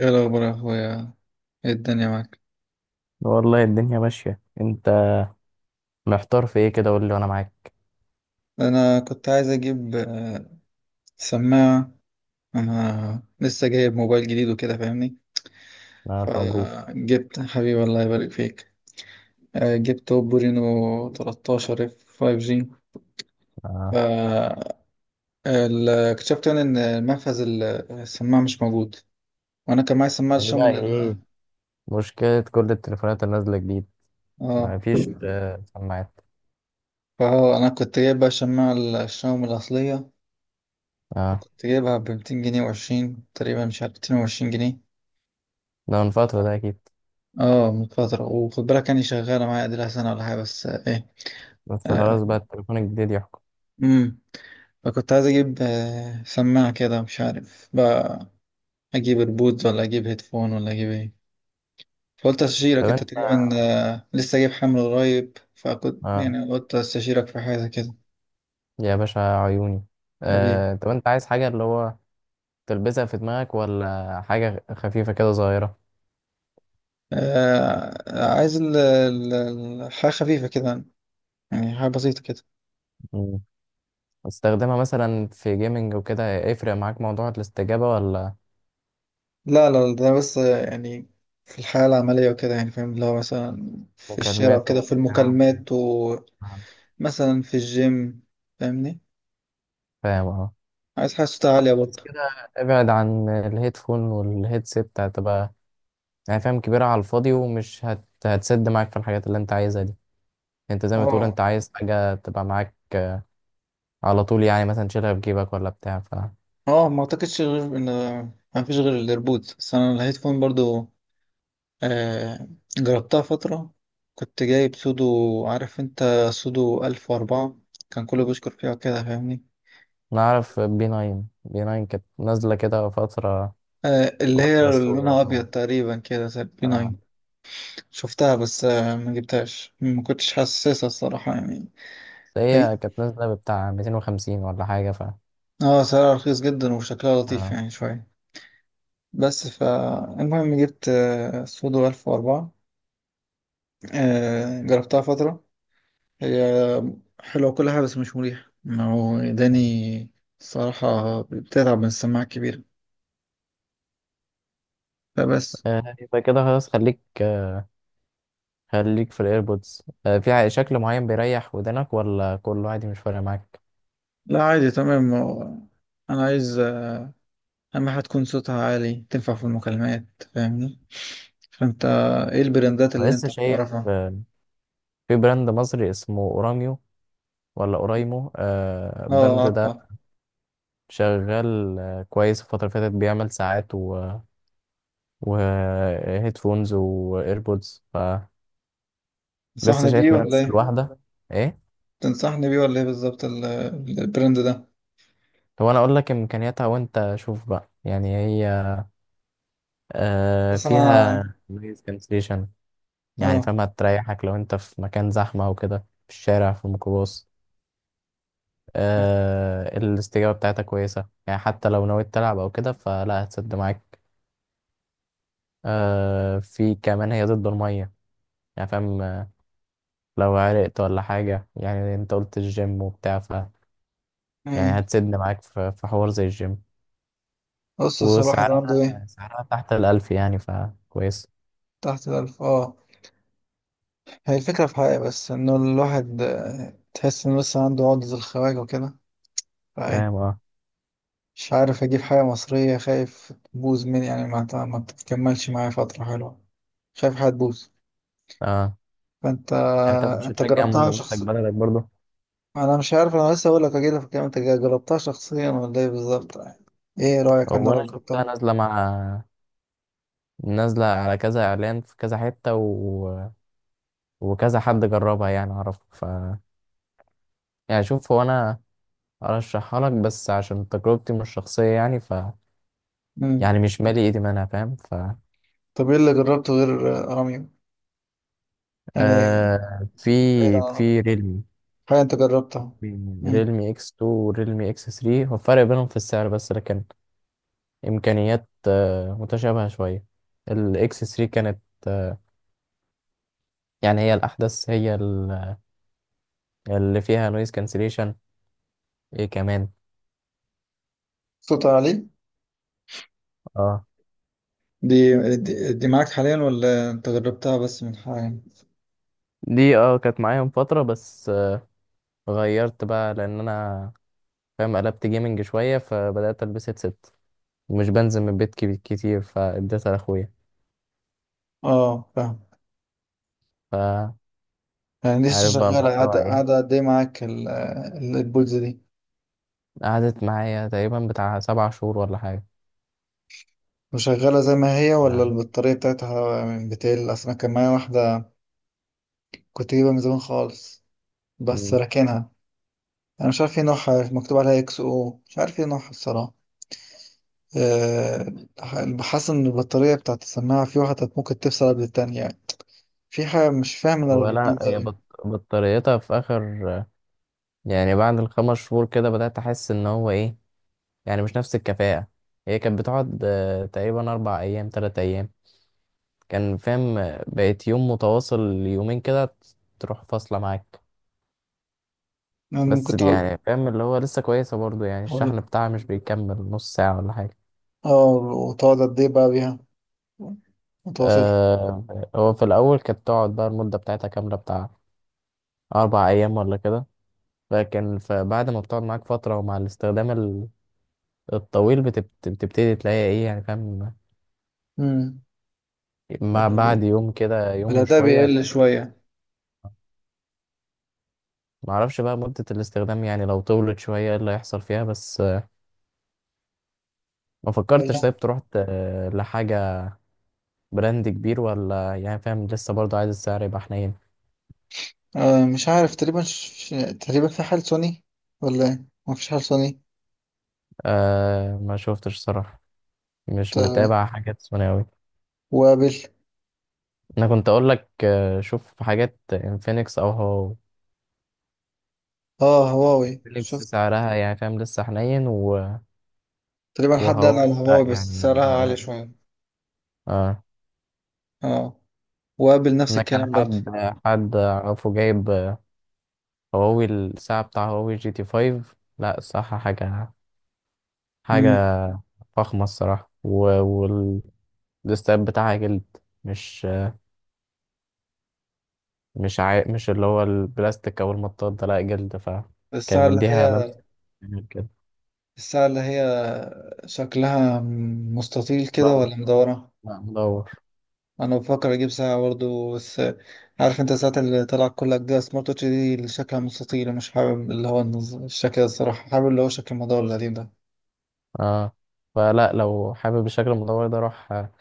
ايه الاخبار يا اخويا؟ ايه الدنيا معاك؟ والله الدنيا ماشية. انت محتار في ايه كده؟ قول لي وانا معاك. انا كنت عايز اجيب سماعه. انا لسه جايب موبايل جديد وكده، فاهمني. انا الف مبروك. فجبت. حبيبي، الله يبارك فيك. جبت اوبو رينو 13 اف 5 جي. ف آه. اكتشفت يعني ان منفذ السماعه مش موجود. وانا كان معايا سماعه يعني شاومي بقى ايه؟ مشكلة كل التليفونات اللي نازلة جديد، اه. ما فيش سماعات. فهو انا كنت جايب بقى سماعه الشاومي الاصليه، اه، كنت جايبها ب 200 جنيه وعشرين تقريبا، مش عارف، 220 جنيه. ده من فترة ده اكيد. اه، من فترة. وخد بالك يعني شغالة معايا، اديلها سنة ولا حاجة، بس ايه. بس خلاص آه، بقى التليفون الجديد يحكم. امم فكنت عايز اجيب سماعة كده، مش عارف بقى اجيب ايربودز ولا اجيب هيدفون ولا اجيب ايه؟ فقلت طب استشيرك انت انت؟ تقريبا. لسه جايب حمل قريب، فكنت اه، يعني قلت استشيرك في حاجة كده. يا باشا عيوني. حبيبي. آه. طب انت عايز حاجة اللي هو تلبسها في دماغك ولا حاجة خفيفة كده صغيرة؟ آه، عايز الحاجة خفيفة كده، يعني حاجة بسيطة كده. مم. استخدمها مثلا في جيمنج وكده، يفرق معاك موضوع الاستجابة ولا لا لا لا، ده بس يعني في الحياة العملية وكده، يعني فاهم اللي هو مثلا في الشارع مكالمات وكده، في وبتاع؟ المكالمات. ومثلا في الجيم، فاهمني. فاهم اه. عايز حاجة صوتها عالية بس برضه. كده، ابعد عن الهيدفون والهيدسيت، هتبقى يعني فاهم كبيرة على الفاضي، ومش هتسد معاك في الحاجات اللي انت عايزها دي. انت زي ما تقول، اه، انت عايز حاجة تبقى معاك على طول، يعني مثلا تشيلها في جيبك ولا بتاع ف اه، ما اعتقدش غير ان ما فيش غير الايربودز، بس انا الهيدفون برضه آه جربتها فترة. كنت جايب سودو، عارف انت؟ سودو ألف وأربعة. كان كله بيشكر فيها كده، فاهمني. نعرف. بي 9، بي 9 كانت نازلة كده فترة، اللي هي واحدة السوق لونها أبيض طبعا. تقريبا كده زي البي 9. آه. شفتها بس ما جبتهاش، ما كنتش حاسسها الصراحة يعني. بس حقيقي. هي كانت نازلة بتاع 250 ولا حاجة ف. اه، سعرها رخيص جدا وشكلها لطيف آه. يعني شوية. بس فالمهم جبت سودو ألف وأربعة. جربتها فترة. هي حلوة كل حاجة بس مش مريحة، ما هو إداني الصراحة، بتتعب من السماعة الكبيرة. فبس. يبقى كده خلاص، خليك خليك في الايربودز. في شكل معين بيريح ودنك، ولا كله عادي مش فارق معاك؟ لا، عادي تمام. هو أنا عايز أهم حاجة تكون صوتها عالي، تنفع في المكالمات، فاهمني؟ فأنت إيه البراندات أنا اللي لسه أنت شايف بتعرفها؟ في براند مصري اسمه اوراميو، ولا اورايمو، اه، البراند أعرف. ده شغال كويس الفترة اللي فاتت، بيعمل ساعات و وهيدفونز وايربودز فلسه، تنصحني بيه شايف ولا منافسة ايه؟ الواحدة. ايه؟ تنصحني بيه ولا ايه بالظبط البراند ده؟ طب انا اقول لك امكانياتها وانت شوف بقى، يعني هي بس انا. فيها نويز كانسليشن، يعني اه. فاهمة تريحك لو انت في مكان زحمة وكده، في الشارع في الميكروباص. الاستجابة بتاعتها كويسة، يعني حتى لو نويت تلعب أو كده فلا هتسد معاك. في كمان هي ضد المية، يعني فاهم، لو عرقت ولا حاجة، يعني أنت قلت الجيم وبتاع ف، يعني مم. هتسد معاك في حوار زي الجيم. بص أصل الواحد عنده وسعرها ايه. سعرها تحت الـ1000 يعني فكويس. تحت الألف، اه. هي الفكرة في حاجة بس، إنه الواحد تحس إنه لسه عنده عقدة الخواجة وكده، فايه، فاهم اه. مش عارف أجيب حاجة مصرية، خايف تبوظ مني، يعني ما تكملش معايا فترة حلوة، خايف حاجة تبوظ. اه. فأنت، يعني طب مش أنت هتشجع جربتها منتج شخصيا؟ بلدك برضه؟ أنا مش عارف، أنا لسه أقول لك، أجيلك في الكلام. أنت جربتها شخصيا ولا إيه بالظبط يعني؟ إيه رأيك عنها هو أنا لو شفتها جربتها؟ نازلة مع، نازلة على كذا إعلان في كذا حتة وكذا حد جربها يعني أعرف. يعني شوف، هو انا ارشحها لك، بس عشان تجربتي مش شخصيه، يعني ف، مم. يعني مش مالي ايدي منها فاهم ف طب ايه اللي جربته غير اراميو يعني؟ آه في بعيد عن اراميو، في ريلمي حاجه انت جربتها. مم. ريلمي اكس 2 وريلمي اكس 3، هو الفرق بينهم في السعر بس، لكن امكانيات متشابهه شويه. الاكس 3 كانت آه يعني هي الاحدث، هي اللي فيها نويز كانسليشن. ايه كمان؟ صوت عالي. اه. دي دي معاك حاليا ولا انت جربتها بس من حاليا؟ دي اه كانت معايا من فتره، بس غيرت بقى، لان انا فاهم قلبت جيمنج شويه، فبدات البس هيدسيت ومش بنزل من البيت كتير، فاديتها لاخويا اه، فاهم. فعارف يعني لسه بقى شغاله، الموضوع قاعده ايه. قاعده قد ايه معاك البولز دي؟ قعدت معايا تقريبا بتاع 7 شهور ولا حاجة. وشغاله زي ما هي ولا آه. البطاريه بتاعتها من بتقل؟ اصل انا كان معايا واحده، كنت جايبها من زمان خالص بس مم. راكنها. انا مش عارف ايه نوعها، مكتوب عليها اكس او مش عارف ايه نوعها الصراحه. آه، حاسس ان البطارية بتاعت السماعة في واحدة ممكن تفصل قبل التانية يعني. في حاجة مش فاهم انا ولا الريبوت ده هي أوي. بطاريتها في اخر، يعني بعد الـ5 شهور كده بدأت احس ان هو ايه، يعني مش نفس الكفاءة. هي كانت بتقعد تقريبا 4 ايام 3 ايام، كان فاهم بقيت يوم متواصل يومين كده، تروح فاصلة معاك. يعني بس ممكن تقعد، يعني فاهم اللي هو لسه كويسة برضو، يعني تقول- الشحن بتاعها مش بيكمل نص ساعة ولا حاجة. اه، وتقعد قد ايه بقى بيها متواصل؟ آه. هو في الأول كانت تقعد بقى المدة بتاعتها كاملة بتاع 4 أيام ولا كده، لكن فبعد ما بتقعد معاك فترة ومع الاستخدام الطويل بتبتدي تلاقي إيه، يعني فاهم امم ما بعد ال- يوم كده يوم الأداء وشوية. بيقل شوية معرفش بقى مدة الاستخدام، يعني لو طولت شوية إيه اللي هيحصل فيها، بس ما ولا. فكرتش طيب تروح لحاجة براند كبير، ولا يعني فاهم لسه برضو عايز السعر يبقى حنين. مش عارف تقريبا تقريبا في حال سوني ولا ايه؟ مفيش حال سوني؟ ما شفتش صراحة، مش ت- متابع حاجات ثانوي. وابل. انا كنت اقول لك شوف حاجات انفينكس، او هو اه، هواوي فينيكس، شفت. سعرها يعني فاهم لسه حنين تقريبا حد قال وهو على لا هواوي بس يعني، سعرها لا عالي غالي. شوية. اه. اه، وابل نفس انا كان الكلام برضه. حد اعرفه جايب هواوي، الساعه بتاع هواوي جي تي 5. لا الصراحه حاجه فخمه الصراحه، والاستاب بتاعها جلد، مش آه، مش عا... مش اللي هو البلاستيك او المطاط ده، لا جلد، فكان الساعة اللي مديها هي لمسه جميل كده. الساعة اللي هي شكلها مستطيل كده مدور؟ ولا مدورة؟ لا مدور. أنا بفكر أجيب ساعة برضه. بس عارف أنت الساعات اللي طلعت كلها جديدة، سمارت واتش دي اللي شكلها مستطيل، مش حابب اللي هو الشكل ده الصراحة، حابب اللي هو شكل المدور القديم ده. اه، فلا لو حابب الشكل المدور ده، روح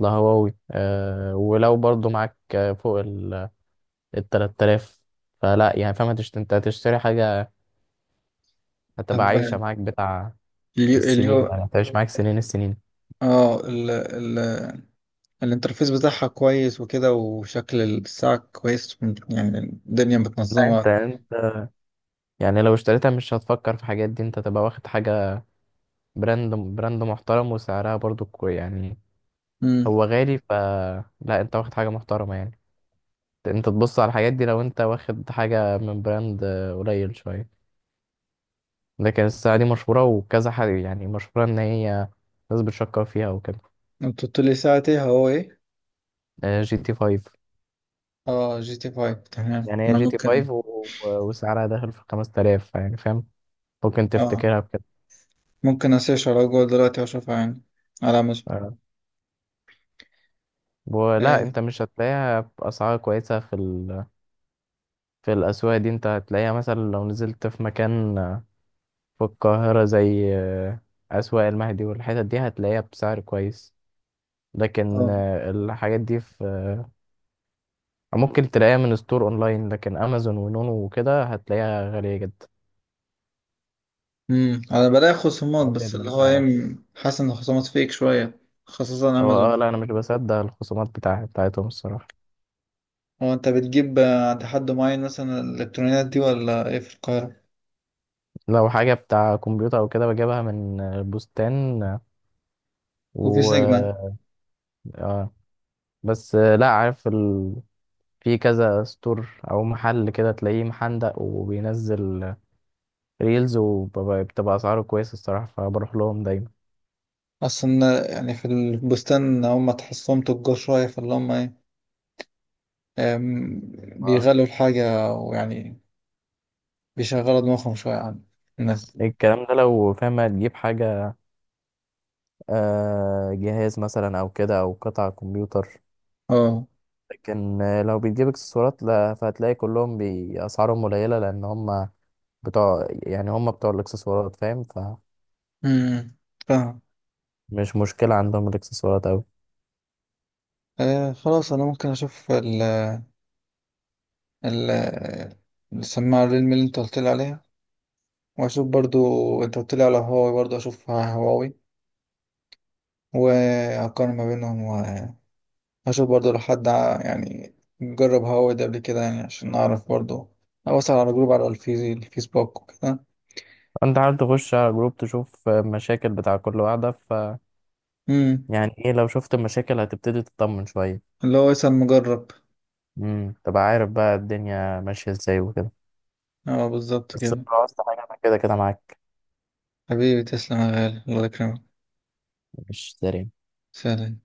لهواوي. ولو برضو معاك فوق ال 3000، فلا يعني فاهم انت هتشتري حاجة هتبقى طب عايشة معاك بتاع اليو السنين، اليو يعني هتعيش معاك سنين السنين. اه، ال ال الانترفيس بتاعها كويس وكده، وشكل الساعة كويس، يعني الدنيا لا متنظمة. انت يعني، لو اشتريتها مش هتفكر في حاجات دي، انت تبقى واخد حاجة براند محترم، وسعرها برضو كوي يعني، امم هو غالي ف، لا انت واخد حاجة محترمة يعني. انت تبص على الحاجات دي لو انت واخد حاجة من براند قليل شوية، لكن الساعة دي مشهورة وكذا حد، يعني مشهورة إن هي ناس بتشكر فيها وكده. انت قلت لي ساعة ايه، هو ايه؟ جي تي فايف. اه، جي تي فايف، تمام. يعني هي انا جي تي فايف وسعرها داخل في 5 تلاف، يعني فاهم ممكن اه تفتكرها بكده. ممكن اسيرش على جوجل دلوقتي واشوفها، يعني على امازون. آه. ولا اه، أنت مش هتلاقيها بأسعار كويسة في الأسواق دي. أنت هتلاقيها مثلا لو نزلت في مكان في القاهرة زي أسواق المهدي والحتت دي، هتلاقيها بسعر كويس. لكن اه. الحاجات دي في، ممكن تلاقيها من ستور اونلاين، لكن امازون ونونو وكده هتلاقيها غالية جدا، انا بلاقي خصومات بس ازيد اللي من هو سعرها. ايه، حاسس ان الخصومات فيك شويه خاصه هو اه، امازون. لا انا مش بصدق الخصومات بتاعتهم الصراحة. هو انت بتجيب عند حد معين مثلا الالكترونيات دي ولا ايه، في القاهره لو حاجة بتاع كمبيوتر او كده بجيبها من بستان وفي سيجما؟ و، اه بس لا عارف في كذا ستور او محل كده تلاقيه محندق، وبينزل ريلز، وبتبقى اسعاره كويسة الصراحة فبروح لهم دايما. اصلا يعني في البستان، هم تحسهم تجار شويه فاللي هم ايه، آم، اه بيغلوا الحاجه ويعني بيشغلوا دماغهم شويه عن الناس. الكلام ده لو فاهم هتجيب حاجة جهاز مثلا او كده، او قطع كمبيوتر، اه. لكن لو بتجيب اكسسوارات لا، فهتلاقي كلهم بأسعارهم قليلة، لأن هم بتوع، يعني هم بتوع الاكسسوارات فاهم، فمش امم فاهم. مشكلة عندهم الاكسسوارات أوي. خلاص، انا ممكن اشوف ال- السماعة الريلمي اللي انت قلت لي عليها، واشوف برضو. انت قلت لي على هواوي برضو، اشوف هواوي واقارن ما بينهم. واشوف برضو لو حد يعني جرب هواوي ده قبل كده، يعني عشان اعرف برضو. اوصل على جروب، على الفيسبوك وكده. أنت عارف تخش على جروب تشوف مشاكل بتاع كل واحدة ف امم يعني إيه، لو شفت مشاكل هتبتدي تطمن شوية. اللي هو يسأل مجرب. تبقى عارف بقى الدنيا ماشية ازاي وكده. اه، بالظبط بس لو كده. عاوزت حاجة أنا كده كده معاك. حبيبي، تسلم يا غالي، الله يكرمك. مش داري. سلام.